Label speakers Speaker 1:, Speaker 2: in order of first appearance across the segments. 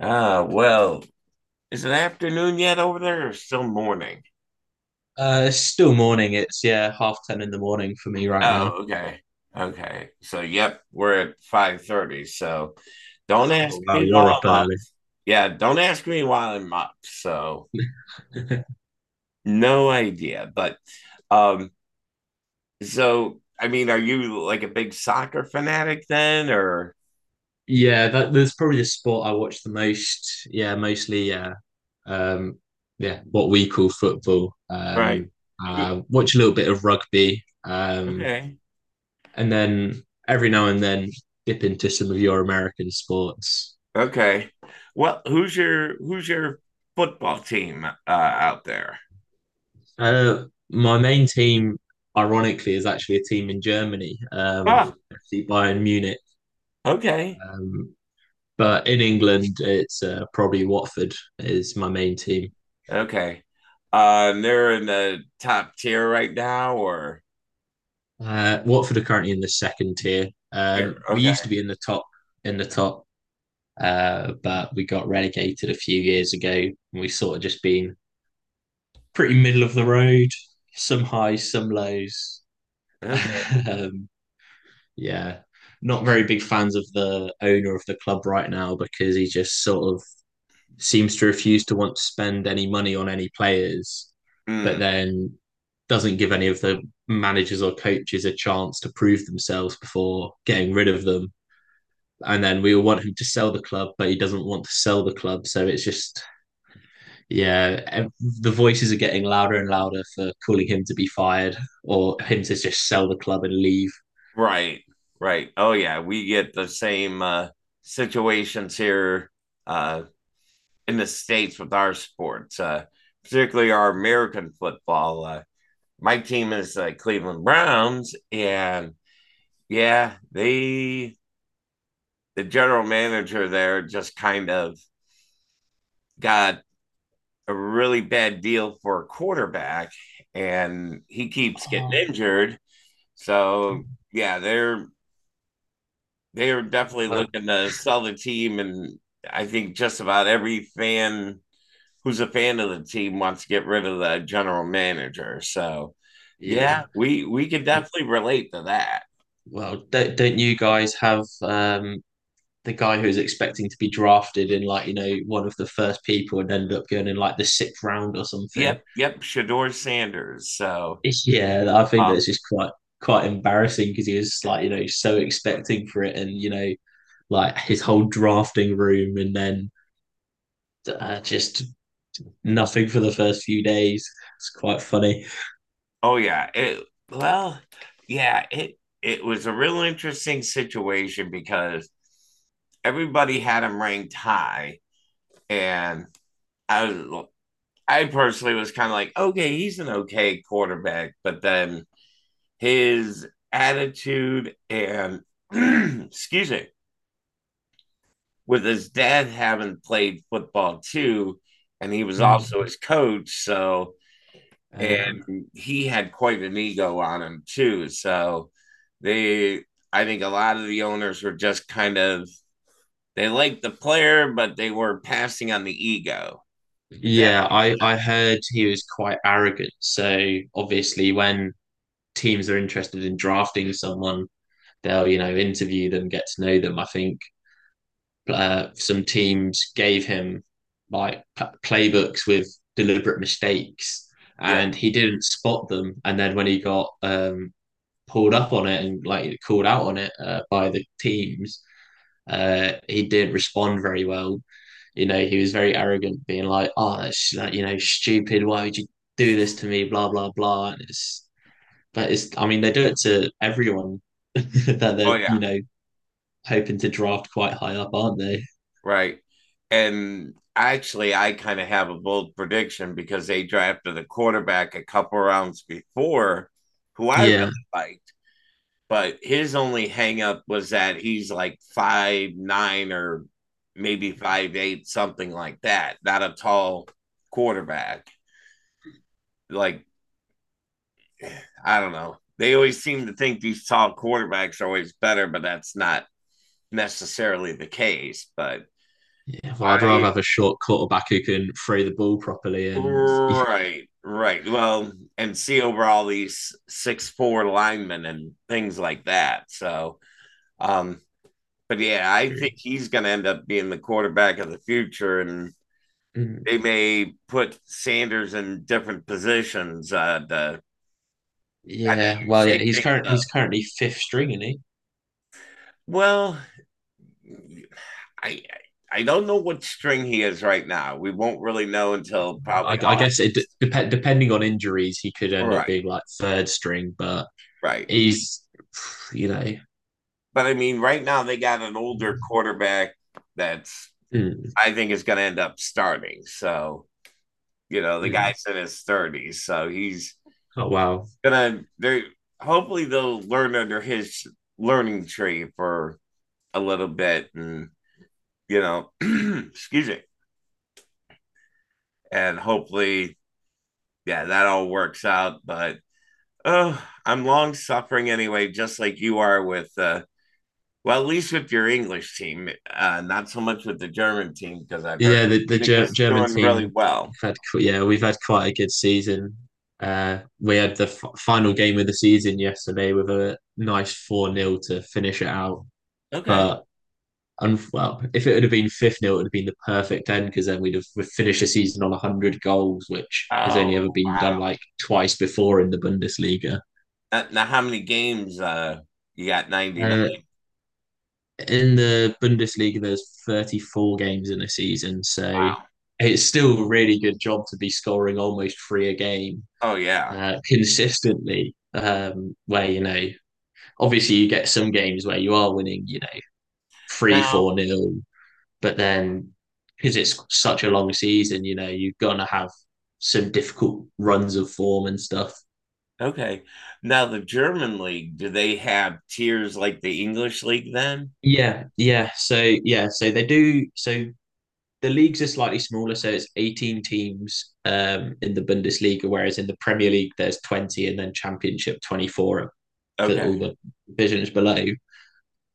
Speaker 1: Ah, well, is it afternoon yet over there or still morning?
Speaker 2: It's still morning. It's, yeah, half ten in the morning for me right now.
Speaker 1: Oh, okay. Okay. So, yep, we're at 5:30. So, don't ask
Speaker 2: Oh wow,
Speaker 1: me
Speaker 2: you're up
Speaker 1: while I'm up.
Speaker 2: early.
Speaker 1: Yeah, don't ask me while I'm up. So, no idea. But um so I mean, are you like a big soccer fanatic then or
Speaker 2: Yeah, that's probably the sport I watch the most. Yeah, mostly, yeah. Um, yeah, what we call football.
Speaker 1: right? Who-
Speaker 2: I watch a little bit of rugby.
Speaker 1: Okay.
Speaker 2: And then every now and then dip into some of your American sports.
Speaker 1: Okay. Well, who's your football team out there?
Speaker 2: My main team, ironically, is actually a team in Germany.
Speaker 1: Oh,
Speaker 2: FC Bayern Munich.
Speaker 1: okay.
Speaker 2: Um, But in England, it's probably Watford is my main team.
Speaker 1: Okay. They're in the top tier right now, or
Speaker 2: Watford are currently in the second tier.
Speaker 1: tier.
Speaker 2: We
Speaker 1: Okay.
Speaker 2: used to be in the top in the top, but we got relegated a few years ago. And we've sort of just been pretty middle of the road, some highs, some lows.
Speaker 1: Okay.
Speaker 2: um, yeah, not very big fans of the owner of the club right now because he just sort of seems to refuse to want to spend any money on any players, but
Speaker 1: Mm,
Speaker 2: then doesn't give any of the managers or coaches a chance to prove themselves before getting rid of them. And then we all want him to sell the club, but he doesn't want to sell the club. So it's just, yeah, the voices are getting louder and louder for calling him to be fired or him to just sell the club and leave.
Speaker 1: right. Right. Oh yeah, we get the same situations here uh, in the states with our sports, particularly our American football. My team is the Cleveland Browns, and yeah, they the general manager there just kind of got a really bad deal for a quarterback, and he keeps getting
Speaker 2: Oh,
Speaker 1: injured. So yeah, they are definitely
Speaker 2: uh,
Speaker 1: looking to sell the team, and I think just about every fan who's a fan of the team wants to get rid of the general manager. So yeah,
Speaker 2: yeah.
Speaker 1: we can definitely relate to that.
Speaker 2: Well, don't you guys have the guy who's expecting to be drafted in, like, one of the first people and ended up going in, like, the sixth round or something?
Speaker 1: Yep, yep, Shador Sanders. So
Speaker 2: Yeah, I think
Speaker 1: um,
Speaker 2: that's just quite embarrassing because he was, like, you know, so expecting for it and, like his whole drafting room and then, just nothing for the first few days. It's quite funny.
Speaker 1: oh yeah, it well yeah it was a real interesting situation because everybody had him ranked high, and I was, I personally was kind of like, okay, he's an okay quarterback, but then his attitude and excuse me, with his dad having played football too, and he was
Speaker 2: Mm.
Speaker 1: also his coach, so
Speaker 2: Um,
Speaker 1: and he had quite an ego on him too. So they, I think, a lot of the owners were just kind of they liked the player, but they were passing on the ego.
Speaker 2: yeah,
Speaker 1: Exactly.
Speaker 2: I heard he was quite arrogant. So obviously when teams are interested in drafting someone, they'll interview them, get to know them. I think some teams gave him, like, playbooks with deliberate mistakes,
Speaker 1: Yeah.
Speaker 2: and he didn't spot them. And then when he got, pulled up on it and, like, called out on it, by the teams. He didn't respond very well. You know, he was very arrogant, being like, "Oh, that's, like, stupid. Why would you do this to me?" Blah blah blah. And it's but it's, I mean, they do it to everyone that
Speaker 1: Oh
Speaker 2: they're,
Speaker 1: yeah,
Speaker 2: hoping to draft quite high up, aren't they?
Speaker 1: right. And actually, I kind of have a bold prediction because they drafted a quarterback a couple rounds before, who I really
Speaker 2: Yeah.
Speaker 1: liked. But his only hangup was that he's like 5'9" or maybe 5'8", something like that. Not a tall quarterback. Like I don't know. They always seem to think these tall quarterbacks are always better, but that's not necessarily the case. But
Speaker 2: Yeah. Well, I'd
Speaker 1: I
Speaker 2: rather have a short quarterback who can throw the ball properly and
Speaker 1: right, right. Well, and see over all these 6'4" linemen and things like that. So, um, but yeah, I
Speaker 2: True.
Speaker 1: think he's going to end up being the quarterback of the future, and
Speaker 2: Mm,
Speaker 1: they may put Sanders in different positions to
Speaker 2: yeah. Well, yeah.
Speaker 1: shake things
Speaker 2: He's
Speaker 1: up.
Speaker 2: currently fifth string, isn't he?
Speaker 1: Well, I I don't know what string he is right now. We won't really know until
Speaker 2: I,
Speaker 1: probably
Speaker 2: I
Speaker 1: August.
Speaker 2: guess it depending on injuries, he could end up
Speaker 1: Right,
Speaker 2: being, like, third string, but
Speaker 1: right.
Speaker 2: he's, you know,
Speaker 1: But I mean, right now they got an older quarterback that's
Speaker 2: mm,
Speaker 1: I think is going to end up starting. So, you know, the
Speaker 2: mm.
Speaker 1: guy's in his 30s. So he's
Speaker 2: Oh wow.
Speaker 1: going to, they hopefully they'll learn under his learning tree for a little bit and, you know, excuse me. And hopefully, yeah, that all works out. But oh, I'm long suffering anyway, just like you are with, well, at least with your English team, not so much with the German team because I've heard
Speaker 2: Yeah, the
Speaker 1: Munich is
Speaker 2: German
Speaker 1: doing really
Speaker 2: team
Speaker 1: well.
Speaker 2: had qu- yeah we've had quite a good season. We had the final game of the season yesterday with a nice four nil to finish it out.
Speaker 1: Okay.
Speaker 2: But well, if it would have been fifth nil, it would have been the perfect end because then we'd finished the season on 100 goals, which has
Speaker 1: Oh,
Speaker 2: only ever been done, like, twice before in the Bundesliga.
Speaker 1: Now, how many games you got? 99.
Speaker 2: Uh, in the Bundesliga, there's 34 games in a season, so
Speaker 1: Wow.
Speaker 2: it's still a really good job to be scoring almost three a game,
Speaker 1: Oh, yeah.
Speaker 2: consistently. Where, you know, obviously, you get some games where you are winning, you know, three,
Speaker 1: Now,
Speaker 2: four nil, but then because it's such a long season, you know, you're gonna have some difficult runs of form and stuff.
Speaker 1: okay. Now, the German league, do they have tiers like the English league then?
Speaker 2: Yeah, yeah. So, yeah, so they do. So the leagues are slightly smaller, so it's 18 teams, in the Bundesliga, whereas in the Premier League there's 20, and then Championship 24 for
Speaker 1: Okay.
Speaker 2: all the divisions below.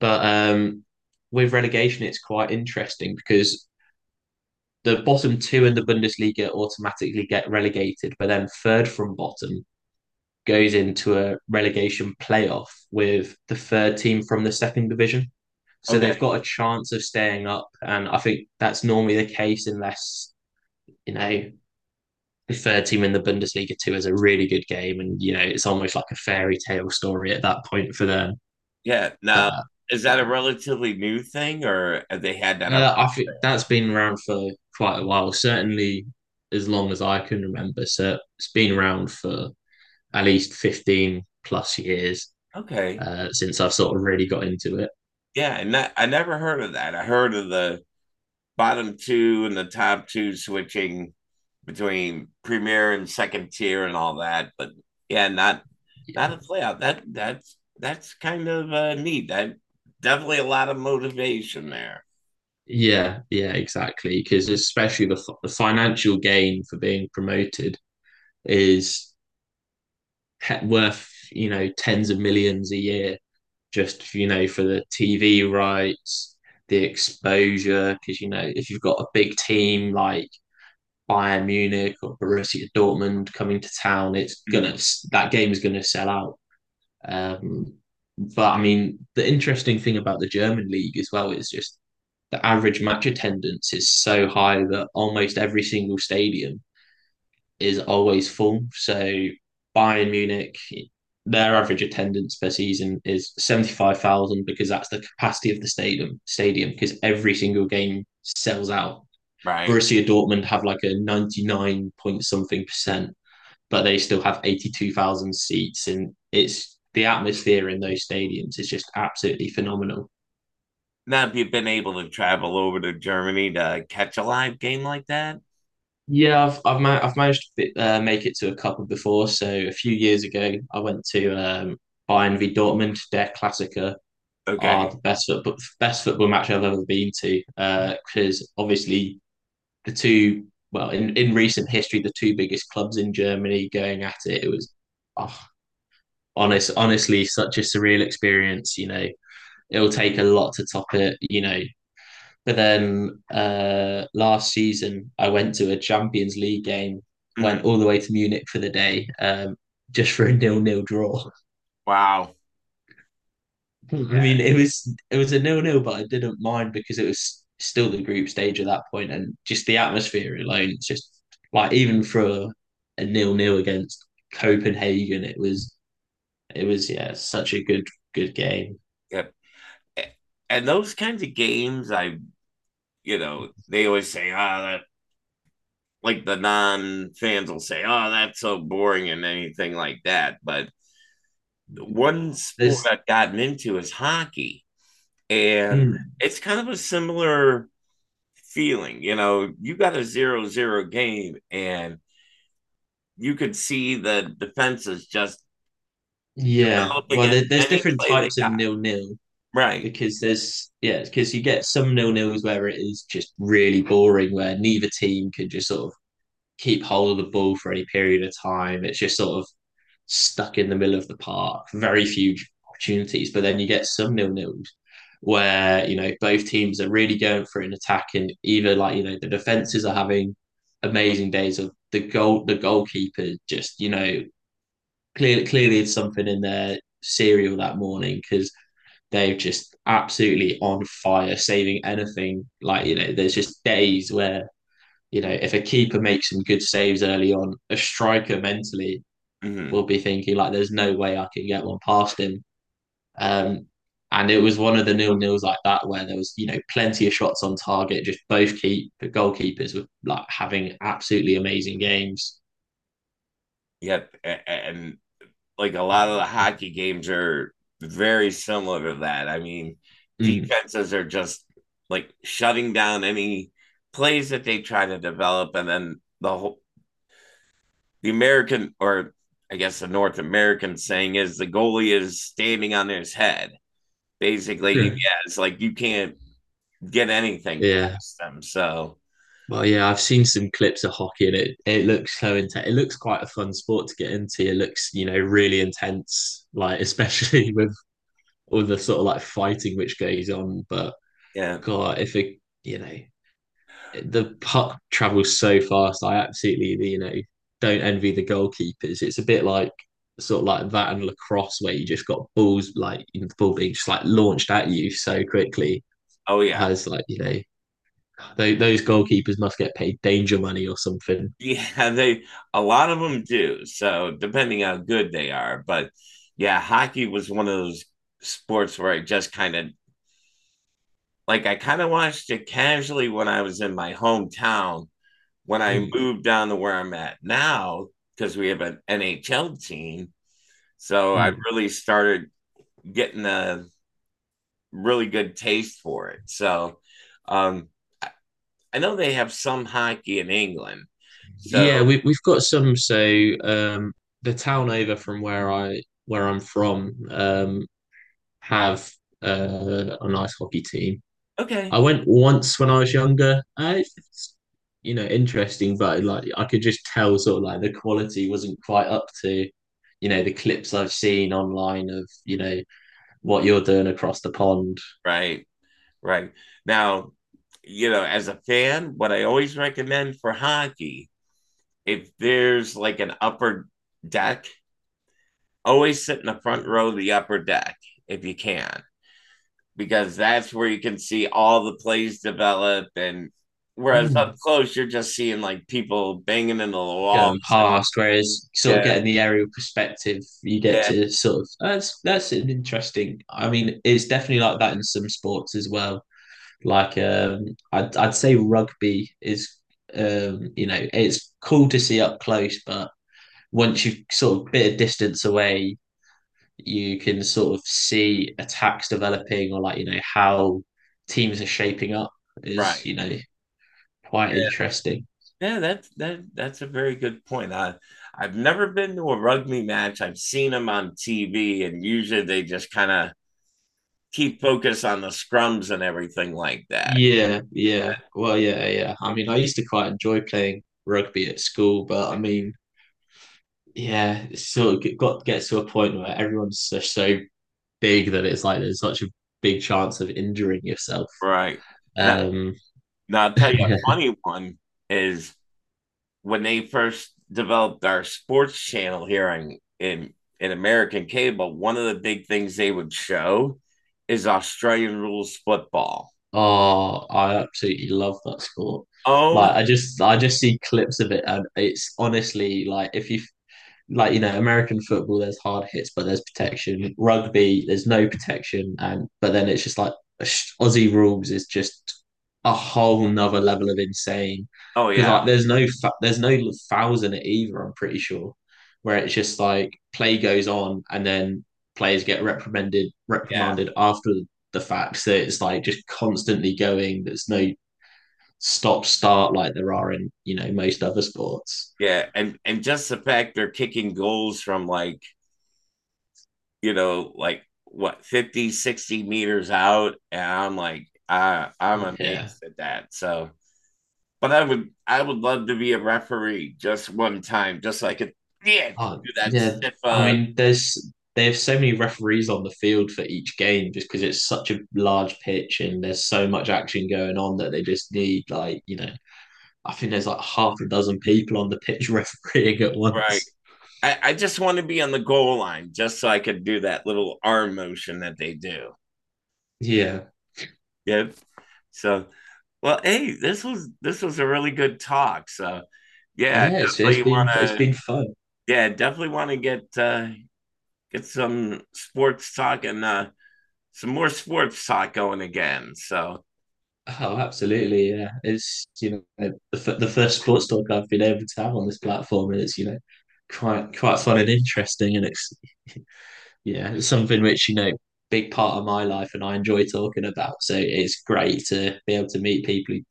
Speaker 2: But with relegation, it's quite interesting because the bottom two in the Bundesliga automatically get relegated, but then third from bottom goes into a relegation playoff with the third team from the second division. So they've
Speaker 1: Okay.
Speaker 2: got a chance of staying up. And I think that's normally the case unless, you know, the third team in the Bundesliga too is a really good game. And, you know, it's almost like a fairy tale story at that point for them.
Speaker 1: Yeah.
Speaker 2: But
Speaker 1: Now, is that a
Speaker 2: yeah.
Speaker 1: relatively new thing or have they had that around?
Speaker 2: I think that's been around for quite a while, certainly as long as I can remember. So it's been around for at least 15 plus years,
Speaker 1: Okay.
Speaker 2: since I've sort of really got into it.
Speaker 1: Yeah. And that, I never heard of that. I heard of the bottom two and the top two switching between premier and second tier and all that. But yeah, not
Speaker 2: Yeah,
Speaker 1: not a playoff. That's kind of neat. That definitely a lot of motivation there,
Speaker 2: yeah, yeah, exactly. Because especially the financial gain for being promoted is worth, tens of millions a year, just, for the TV rights, the exposure. Because, you know, if you've got a big team like Bayern Munich or Borussia Dortmund coming to town, it's gonna
Speaker 1: mhm,
Speaker 2: that game is gonna sell out. Um, but I mean, the interesting thing about the German league as well is just the average match attendance is so high that almost every single stadium is always full. So Bayern Munich, their average attendance per season is 75,000 because that's the capacity of the stadium because every single game sells out.
Speaker 1: right?
Speaker 2: Borussia Dortmund have, like, a 99 point something percent, but they still have 82,000 seats. And it's the atmosphere in those stadiums is just absolutely phenomenal.
Speaker 1: Now, if you've been able to travel over to Germany to catch a live game like that,
Speaker 2: Yeah, I've managed to, make it to a couple before. So a few years ago, I went to, Bayern v Dortmund. Their Klassiker are
Speaker 1: okay.
Speaker 2: the best football match I've ever been to. Because, obviously, the two well in recent history, the two biggest clubs in Germany going at it. It was, oh, honestly, such a surreal experience. You know, it'll take a lot to top it. You know, but then, last season I went to a Champions League game, went
Speaker 1: Mhm.
Speaker 2: all the way to Munich for the day, just for a nil-nil draw.
Speaker 1: Wow.
Speaker 2: I mean, it was a nil-nil, but I didn't mind because it was still the group stage at that point, and just the atmosphere alone. It's just like even for a nil-nil against Copenhagen, it was yeah such a good game.
Speaker 1: Yeah. Yeah. And those kinds of games, I you know, they always say, ah, oh, that like the non fans will say, oh, that's so boring and anything like that. But one sport
Speaker 2: There's
Speaker 1: I've gotten into is hockey, and
Speaker 2: Mm,
Speaker 1: it's kind of a similar feeling. You know, you got a zero zero game, and you could see the defenses just
Speaker 2: yeah.
Speaker 1: up
Speaker 2: Well,
Speaker 1: against
Speaker 2: there's
Speaker 1: any
Speaker 2: different
Speaker 1: play they
Speaker 2: types of
Speaker 1: got.
Speaker 2: nil-nil
Speaker 1: Right.
Speaker 2: because you get some nil-nils where it is just really boring, where neither team can just sort of keep hold of the ball for any period of time. It's just sort of stuck in the middle of the park. Very few opportunities. But then you get some nil-nils where, you know, both teams are really going for an attack, and either, like, you know, the defenses are having amazing days of the goalkeeper just, clearly, clearly, it's something in their cereal that morning because they've just absolutely on fire, saving anything. Like, there's just days where if a keeper makes some good saves early on, a striker mentally
Speaker 1: Mm-hmm.
Speaker 2: will be thinking, like, "There's no way I can get one past him." Um, and it was one of the nil nils like that where there was, plenty of shots on target. Just both keep goalkeepers were, like, having absolutely amazing games.
Speaker 1: Yep. And like a lot of the hockey games are very similar to that. I mean,
Speaker 2: Mm.
Speaker 1: defenses are just like shutting down any plays that they try to develop, and then the American or I guess the North American saying is the goalie is standing on his head. Basically, yeah,
Speaker 2: Yeah,
Speaker 1: it's like you can't get anything
Speaker 2: yeah.
Speaker 1: past them. So
Speaker 2: Well, yeah, I've seen some clips of hockey, and it looks so intense. It looks quite a fun sport to get into. It looks, you know, really intense, like especially with all the sort of like fighting which goes on. But
Speaker 1: yeah,
Speaker 2: God, if it, you know, the puck travels so fast. I absolutely don't envy the goalkeepers. It's a bit like sort of like that and lacrosse where you just got balls like, the ball being just, like, launched at you so quickly.
Speaker 1: oh
Speaker 2: I
Speaker 1: yeah,
Speaker 2: was like, those goalkeepers must get paid danger money or something.
Speaker 1: yeah. They a lot of them do. So depending how good they are, but yeah, hockey was one of those sports where I just kind of like I kind of watched it casually when I was in my hometown. When I
Speaker 2: Mm.
Speaker 1: moved down to where I'm at now, because we have an NHL team, so I
Speaker 2: Mm.
Speaker 1: really started getting a really good taste for it. So um, I know they have some hockey in England. So,
Speaker 2: Yeah, we've got some. So, um, the town over from where I'm from, have, a nice hockey team. I
Speaker 1: okay.
Speaker 2: went once when I was younger. It's, interesting, but like I could just tell sort of like the quality wasn't quite up to, the clips I've seen online of, what you're doing across the pond.
Speaker 1: Right. Right. Now, you know, as a fan, what I always recommend for hockey, if there's like an upper deck, always sit in the front row of the upper deck if you can, because that's where you can see all the plays develop. And whereas up close, you're just seeing like people banging into the
Speaker 2: Going
Speaker 1: walls. And,
Speaker 2: past. Whereas sort of
Speaker 1: yeah.
Speaker 2: getting the aerial perspective, you get
Speaker 1: Yeah.
Speaker 2: to sort of that's an interesting. I mean, it's definitely like that in some sports as well. Like, I'd say rugby is, you know, it's cool to see up close, but once you sort of bit of distance away, you can sort of see attacks developing or, like, you know, how teams are shaping up is,
Speaker 1: Right.
Speaker 2: quite interesting.
Speaker 1: Yeah, that that's a very good point. I've never been to a rugby match. I've seen them on TV, and usually they just kind of keep focus on the scrums and everything like that.
Speaker 2: Yeah, yeah. Well, yeah, yeah. I mean, I used to quite enjoy playing rugby at school, but I mean, yeah, it's sort of g- got gets to a point where everyone's so big that it's, like, there's such a big chance of injuring yourself.
Speaker 1: Right. Now,
Speaker 2: Um,
Speaker 1: now I'll tell you a
Speaker 2: yeah.
Speaker 1: funny one is when they first developed our sports channel here in American cable, one of the big things they would show is Australian rules football.
Speaker 2: Oh, I absolutely love that sport.
Speaker 1: Oh,
Speaker 2: Like, I just see clips of it, and it's honestly like if you like, American football, there's hard hits, but there's protection. Rugby, there's no protection, and but then it's just like Aussie rules is just a whole nother level of insane
Speaker 1: oh
Speaker 2: because,
Speaker 1: yeah,
Speaker 2: like, there's no fouls in it either. I'm pretty sure where it's just like play goes on, and then players get reprimanded
Speaker 1: yeah.
Speaker 2: reprimanded after the fact. So it's like just constantly going. There's no stop start like there are in, most other sports.
Speaker 1: Yeah, and just the fact they're kicking goals from like, you know, like what 50 60 meters out and I'm like I'm
Speaker 2: Yeah.
Speaker 1: amazed at that. So, but I would love to be a referee just one time just like so it yeah,
Speaker 2: Oh,
Speaker 1: do that
Speaker 2: yeah.
Speaker 1: stiff
Speaker 2: I mean, there's they have so many referees on the field for each game just because it's such a large pitch and there's so much action going on that they just need, like, you know, I think there's like half a dozen people on the pitch refereeing at
Speaker 1: right.
Speaker 2: once.
Speaker 1: I just want to be on the goal line just so I could do that little arm motion that they do.
Speaker 2: Yeah.
Speaker 1: Yep. So, well, hey, this was a really good talk. So, yeah,
Speaker 2: Yeah, it's it's
Speaker 1: definitely want
Speaker 2: been it's
Speaker 1: to
Speaker 2: been fun.
Speaker 1: yeah, definitely want to get some sports talk and some more sports talk going again. So
Speaker 2: Oh, absolutely. Yeah. It's, you know, the first sports talk I've been able to have on this platform, and it's, quite fun and interesting, and it's Yeah, it's something which, big part of my life and I enjoy talking about. So it's great to be able to meet people who,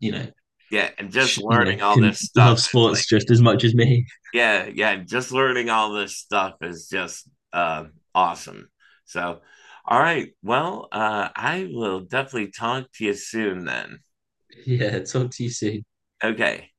Speaker 2: you know,
Speaker 1: yeah, and just
Speaker 2: you know,
Speaker 1: learning all
Speaker 2: can
Speaker 1: this stuff
Speaker 2: love
Speaker 1: is like
Speaker 2: sports just as much as me.
Speaker 1: yeah, yeah, just learning all this stuff is just uh, awesome. So all right, well, I will definitely talk to you soon then.
Speaker 2: Yeah, talk to you soon.
Speaker 1: Okay.